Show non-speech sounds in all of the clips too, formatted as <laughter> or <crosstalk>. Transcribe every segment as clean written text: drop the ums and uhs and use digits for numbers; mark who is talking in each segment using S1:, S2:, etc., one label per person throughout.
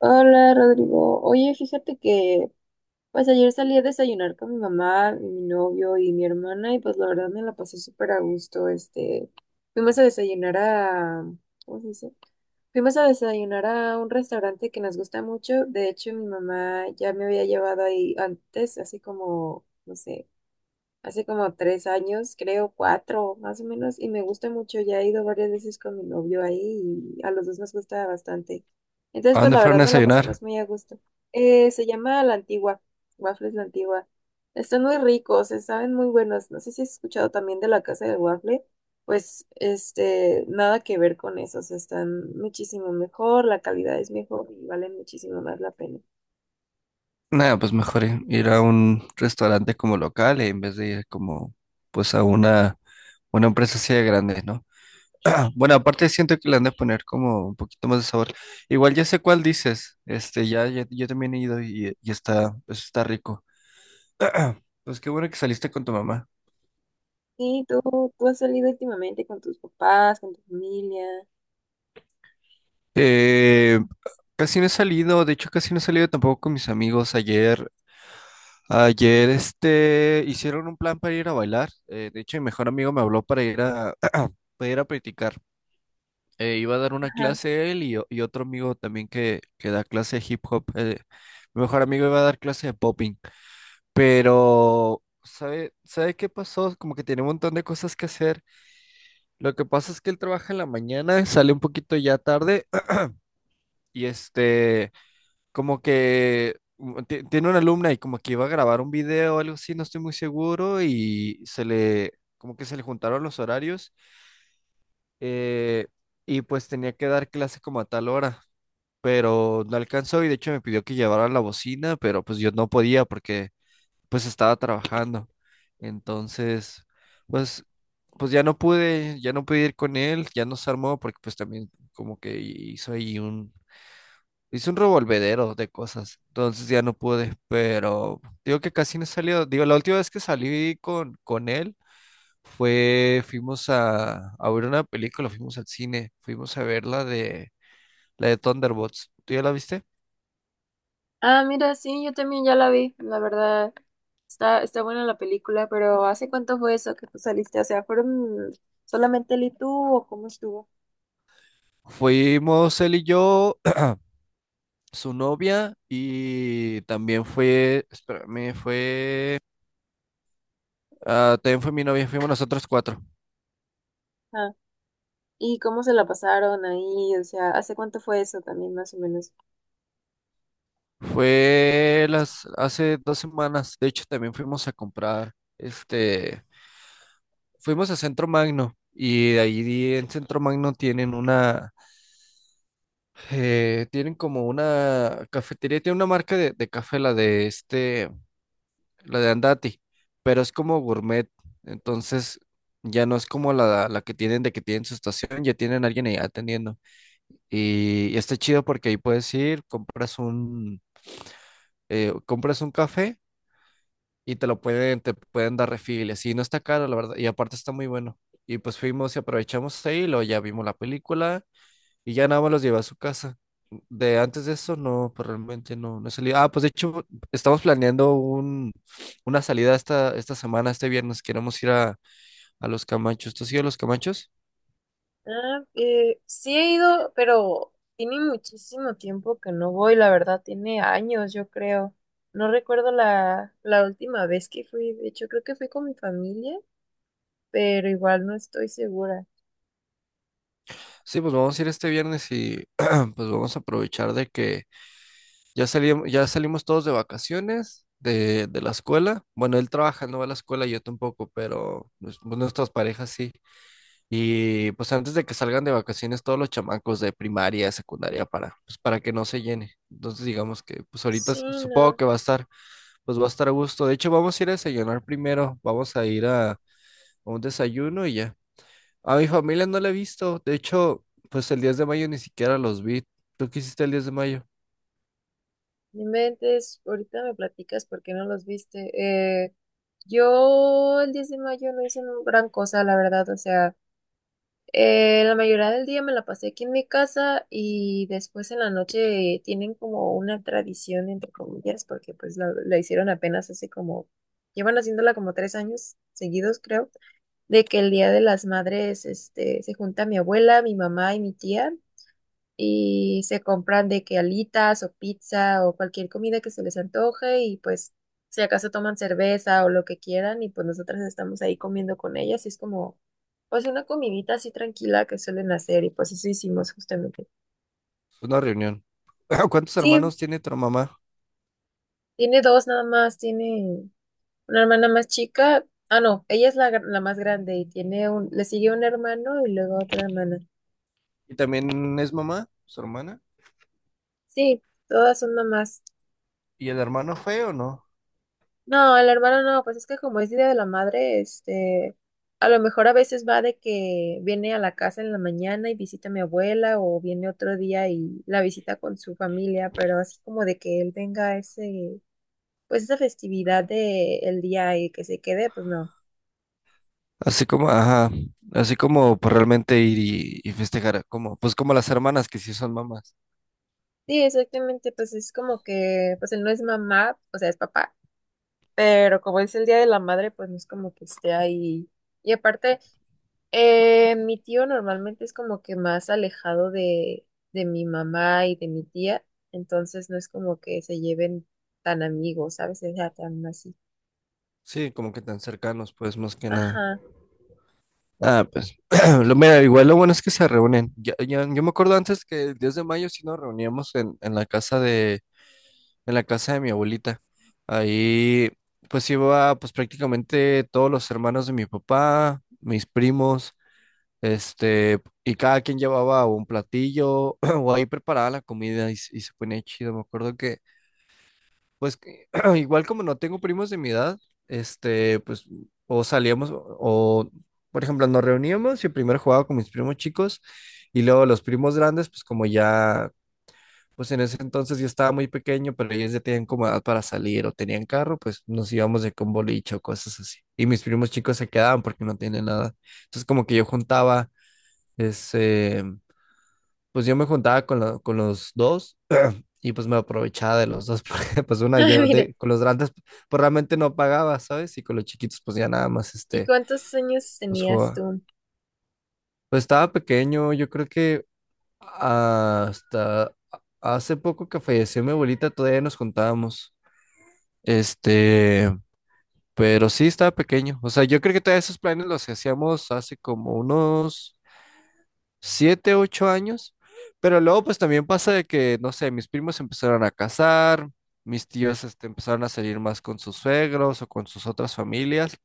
S1: Hola Rodrigo, oye, fíjate que pues ayer salí a desayunar con mi mamá, y mi novio y mi hermana y pues la verdad me la pasé súper a gusto, fuimos a desayunar a, ¿cómo se dice? Fuimos a desayunar a un restaurante que nos gusta mucho, de hecho mi mamá ya me había llevado ahí antes, así como, no sé, hace como tres años, creo cuatro más o menos, y me gusta mucho. Ya he ido varias veces con mi novio ahí y a los dos nos gusta bastante.
S2: ¿A
S1: Entonces, pues
S2: dónde
S1: la verdad
S2: fueron a
S1: nos la
S2: desayunar?
S1: pasamos muy a gusto. Se llama La Antigua, Waffles La Antigua. Están muy ricos, se saben muy buenos. No sé si has escuchado también de la casa del waffle. Pues, nada que ver con esos. Están muchísimo mejor, la calidad es mejor y valen muchísimo más la pena.
S2: Nada, pues mejor ir a un restaurante como local en vez de ir como pues a una empresa así de grande, ¿no? <clears throat> Bueno, aparte siento que le han de poner como un poquito más de sabor. Igual ya sé cuál dices. Este, yo también he ido y está, pues, está rico. Pues qué bueno que saliste con tu mamá.
S1: Sí, tú has salido últimamente con tus papás, con tu familia.
S2: Eh, Casi no he salido, de hecho casi no he salido tampoco con mis amigos. Ayer hicieron un plan para ir a bailar. De hecho, mi mejor amigo me habló para <clears throat> para ir a practicar. Iba a dar una
S1: Ajá.
S2: clase él y otro amigo también que da clase de hip hop. Mi mejor amigo iba a dar clase de popping. Pero, ¿ sabe qué pasó? Como que tiene un montón de cosas que hacer. Lo que pasa es que él trabaja en la mañana, sale un poquito ya tarde <clears throat> y este... Como que tiene una alumna y como que iba a grabar un video o algo así, no estoy muy seguro, y como que se le juntaron los horarios, eh, y pues tenía que dar clase como a tal hora, pero no alcanzó y de hecho me pidió que llevara la bocina, pero pues yo no podía porque pues estaba trabajando. Entonces, pues, pues ya no pude ir con él, ya no se armó porque pues también como que hizo ahí Hice un revolvedero de cosas, entonces ya no pude, pero digo que casi no he salido. Digo, la última vez que salí con él fuimos a ver una película, fuimos al cine, fuimos a ver la de Thunderbolts. ¿Tú ya la viste?
S1: Ah, mira, sí, yo también ya la vi, la verdad. Está buena la película, pero ¿hace cuánto fue eso que tú saliste? O sea, ¿fueron solamente él y tú o cómo estuvo?
S2: Fuimos él y yo, <clears throat> su novia, y también fue, espérame, fue, ah, también fue mi novia, fuimos nosotros cuatro.
S1: Ah, ¿y cómo se la pasaron ahí? O sea, ¿hace cuánto fue eso también, más o menos?
S2: Hace dos semanas, de hecho también fuimos a comprar, este... Fuimos a Centro Magno y de ahí en Centro Magno tienen una, tienen como una cafetería, tiene una marca de café, la de Andati, pero es como gourmet, entonces ya no es como la que tienen de que tienen su estación, ya tienen alguien ahí atendiendo. Y está chido porque ahí puedes compras un café y te pueden dar refill, y así no está caro, la verdad, y aparte está muy bueno. Y pues fuimos y aprovechamos ahí, luego ya vimos la película y ya nada más los llevé a su casa. De antes de eso, no, pues realmente no he salido. Ah, pues de hecho, estamos planeando un, una salida esta semana, este viernes. Queremos ir a Los Camachos. ¿Tú has ido a Los Camachos?
S1: Sí he ido, pero tiene muchísimo tiempo que no voy, la verdad, tiene años, yo creo. No recuerdo la última vez que fui, de hecho creo que fui con mi familia, pero igual no estoy segura.
S2: Sí, pues vamos a ir este viernes y <clears throat> pues vamos a aprovechar de que ya salimos, ya salimos todos de vacaciones de la escuela. Bueno, él trabaja, no va a la escuela, yo tampoco, pero pues, pues, nuestras parejas sí. Y pues antes de que salgan de vacaciones todos los chamacos de primaria, secundaria, para, pues, para que no se llene. Entonces digamos que pues ahorita
S1: Sí,
S2: supongo
S1: no.
S2: que va a estar, pues va a estar a gusto. De hecho, vamos a ir a desayunar primero, vamos a ir a un desayuno y ya. A mi familia no la he visto, de hecho, pues el 10 de mayo ni siquiera los vi. ¿Tú qué hiciste el 10 de mayo?
S1: No Inventes, ahorita me platicas por qué no los viste. Eh, yo el 10 de mayo no hice gran cosa, la verdad. O sea, la mayoría del día me la pasé aquí en mi casa y después en la noche tienen como una tradición, entre comillas, porque pues la hicieron apenas hace como, llevan haciéndola como tres años seguidos, creo, de que el Día de las Madres, se junta mi abuela, mi mamá y mi tía y se compran de que alitas o pizza o cualquier comida que se les antoje y pues si acaso toman cerveza o lo que quieran y pues nosotras estamos ahí comiendo con ellas y es como pues una comidita así tranquila que suelen hacer y pues eso hicimos justamente.
S2: Es una reunión. <clears throat> ¿Cuántos
S1: Sí,
S2: hermanos tiene tu mamá?
S1: tiene dos nada más, tiene una hermana más chica, ah no, ella es la más grande y tiene un, le sigue un hermano y luego otra hermana.
S2: ¿Y también es mamá, su hermana?
S1: Sí, todas son mamás.
S2: ¿Y el hermano fue o no?
S1: No, el hermano no, pues es que como es Día de la Madre, a lo mejor a veces va de que viene a la casa en la mañana y visita a mi abuela o viene otro día y la visita con su familia, pero así como de que él tenga ese, pues esa festividad de el día y que se quede, pues no.
S2: Así como, ajá, así como pues, realmente ir y festejar, como, pues como las hermanas que sí son mamás.
S1: Sí, exactamente, pues es como que, pues él no es mamá, o sea, es papá, pero como es el Día de la Madre, pues no es como que esté ahí. Y aparte mi tío normalmente es como que más alejado de mi mamá y de mi tía, entonces no es como que se lleven tan amigos, ¿sabes? O sea, tan así.
S2: Sí, como que tan cercanos, pues más que nada.
S1: Ajá.
S2: Ah, pues, <clears throat> lo, mira, igual lo bueno es que se reúnen. Yo me acuerdo antes que el 10 de mayo sí nos reuníamos en la casa en la casa de mi abuelita. Ahí pues iba pues prácticamente todos los hermanos de mi papá, mis primos, este, y cada quien llevaba un platillo <clears throat> o ahí preparaba la comida se y se ponía chido. Me acuerdo que pues que <clears throat> igual como no tengo primos de mi edad, este, pues o salíamos o, por ejemplo, nos reuníamos y primero jugaba con mis primos chicos y luego los primos grandes pues como ya pues en ese entonces yo estaba muy pequeño, pero ellos ya tenían como edad para salir o tenían carro, pues nos íbamos de con boliche o cosas así. Y mis primos chicos se quedaban porque no tienen nada. Entonces como que yo juntaba, ese, pues yo me juntaba con los dos y pues me aprovechaba de los dos, <laughs> porque pues
S1: <laughs>
S2: una
S1: Ah,
S2: yo
S1: mira.
S2: con los grandes pues realmente no pagaba, ¿sabes? Y con los chiquitos pues ya nada más
S1: ¿Y
S2: este,
S1: cuántos años
S2: pues
S1: tenías
S2: jugaba.
S1: tú?
S2: Pues estaba pequeño, yo creo que hasta hace poco que falleció mi abuelita todavía nos juntábamos. Este, pero sí estaba pequeño. O sea, yo creo que todos esos planes los hacíamos hace como unos siete, ocho años. Pero luego, pues también pasa de que, no sé, mis primos se empezaron a casar, mis tíos este, empezaron a salir más con sus suegros o con sus otras familias.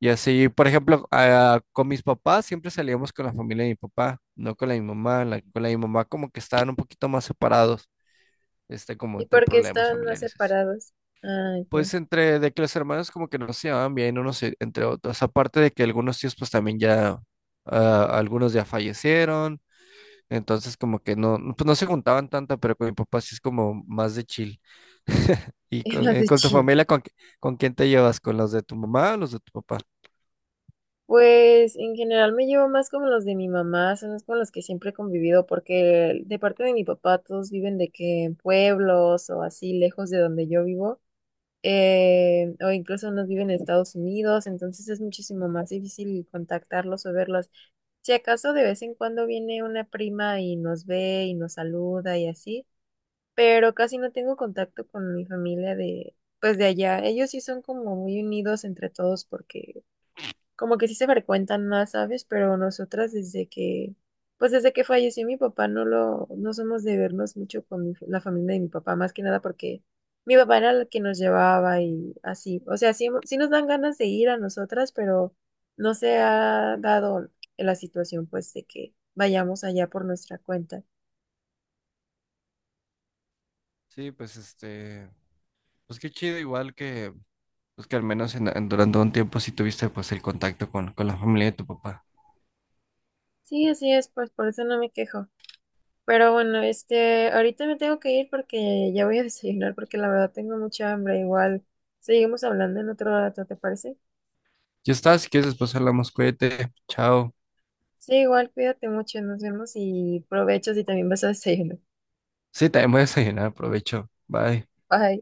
S2: Y así, por ejemplo, ah, con mis papás siempre salíamos con la familia de mi papá, no con la de mi mamá. Con la de mi mamá como que estaban un poquito más separados, este, como
S1: ¿Y
S2: entre
S1: por qué
S2: problemas
S1: estaban más
S2: familiares. Así.
S1: separados? Ah, ya. <laughs>
S2: Pues entre de que los hermanos como que no se llevaban bien unos entre otros, aparte de que algunos tíos pues también ya, ah, algunos ya fallecieron, entonces como que no, pues no se juntaban tanto, pero con mi papá sí es como más de chill. <laughs> ¿Y
S1: Es más de
S2: con tu
S1: chill.
S2: familia, con quién te llevas? ¿Con los de tu mamá o los de tu papá?
S1: Pues en general me llevo más como los de mi mamá, son los con los que siempre he convivido, porque de parte de mi papá todos viven de que en pueblos o así lejos de donde yo vivo. O incluso no viven en Estados Unidos, entonces es muchísimo más difícil contactarlos o verlos. Si acaso de vez en cuando viene una prima y nos ve y nos saluda y así, pero casi no tengo contacto con mi familia de, pues de allá. Ellos sí son como muy unidos entre todos porque como que sí se frecuentan más, ¿sabes? Pero nosotras desde que, pues desde que falleció mi papá no lo, no somos de vernos mucho con la familia de mi papá, más que nada porque mi papá era el que nos llevaba y así. O sea, sí, sí nos dan ganas de ir a nosotras, pero no se ha dado la situación pues de que vayamos allá por nuestra cuenta.
S2: Sí, pues este, pues qué chido, igual que, pues que al menos durante un tiempo sí tuviste pues el contacto con la familia de tu papá.
S1: Sí, así es, pues por eso no me quejo. Pero bueno, ahorita me tengo que ir porque ya voy a desayunar porque la verdad tengo mucha hambre. Igual, seguimos hablando en otro rato, ¿te parece?
S2: Ya está, si quieres después hablamos, cuídate, chao.
S1: Sí, igual, cuídate mucho, nos vemos y provecho si también vas a desayunar.
S2: Sí, también voy a desayunar, aprovecho. Bye.
S1: Bye.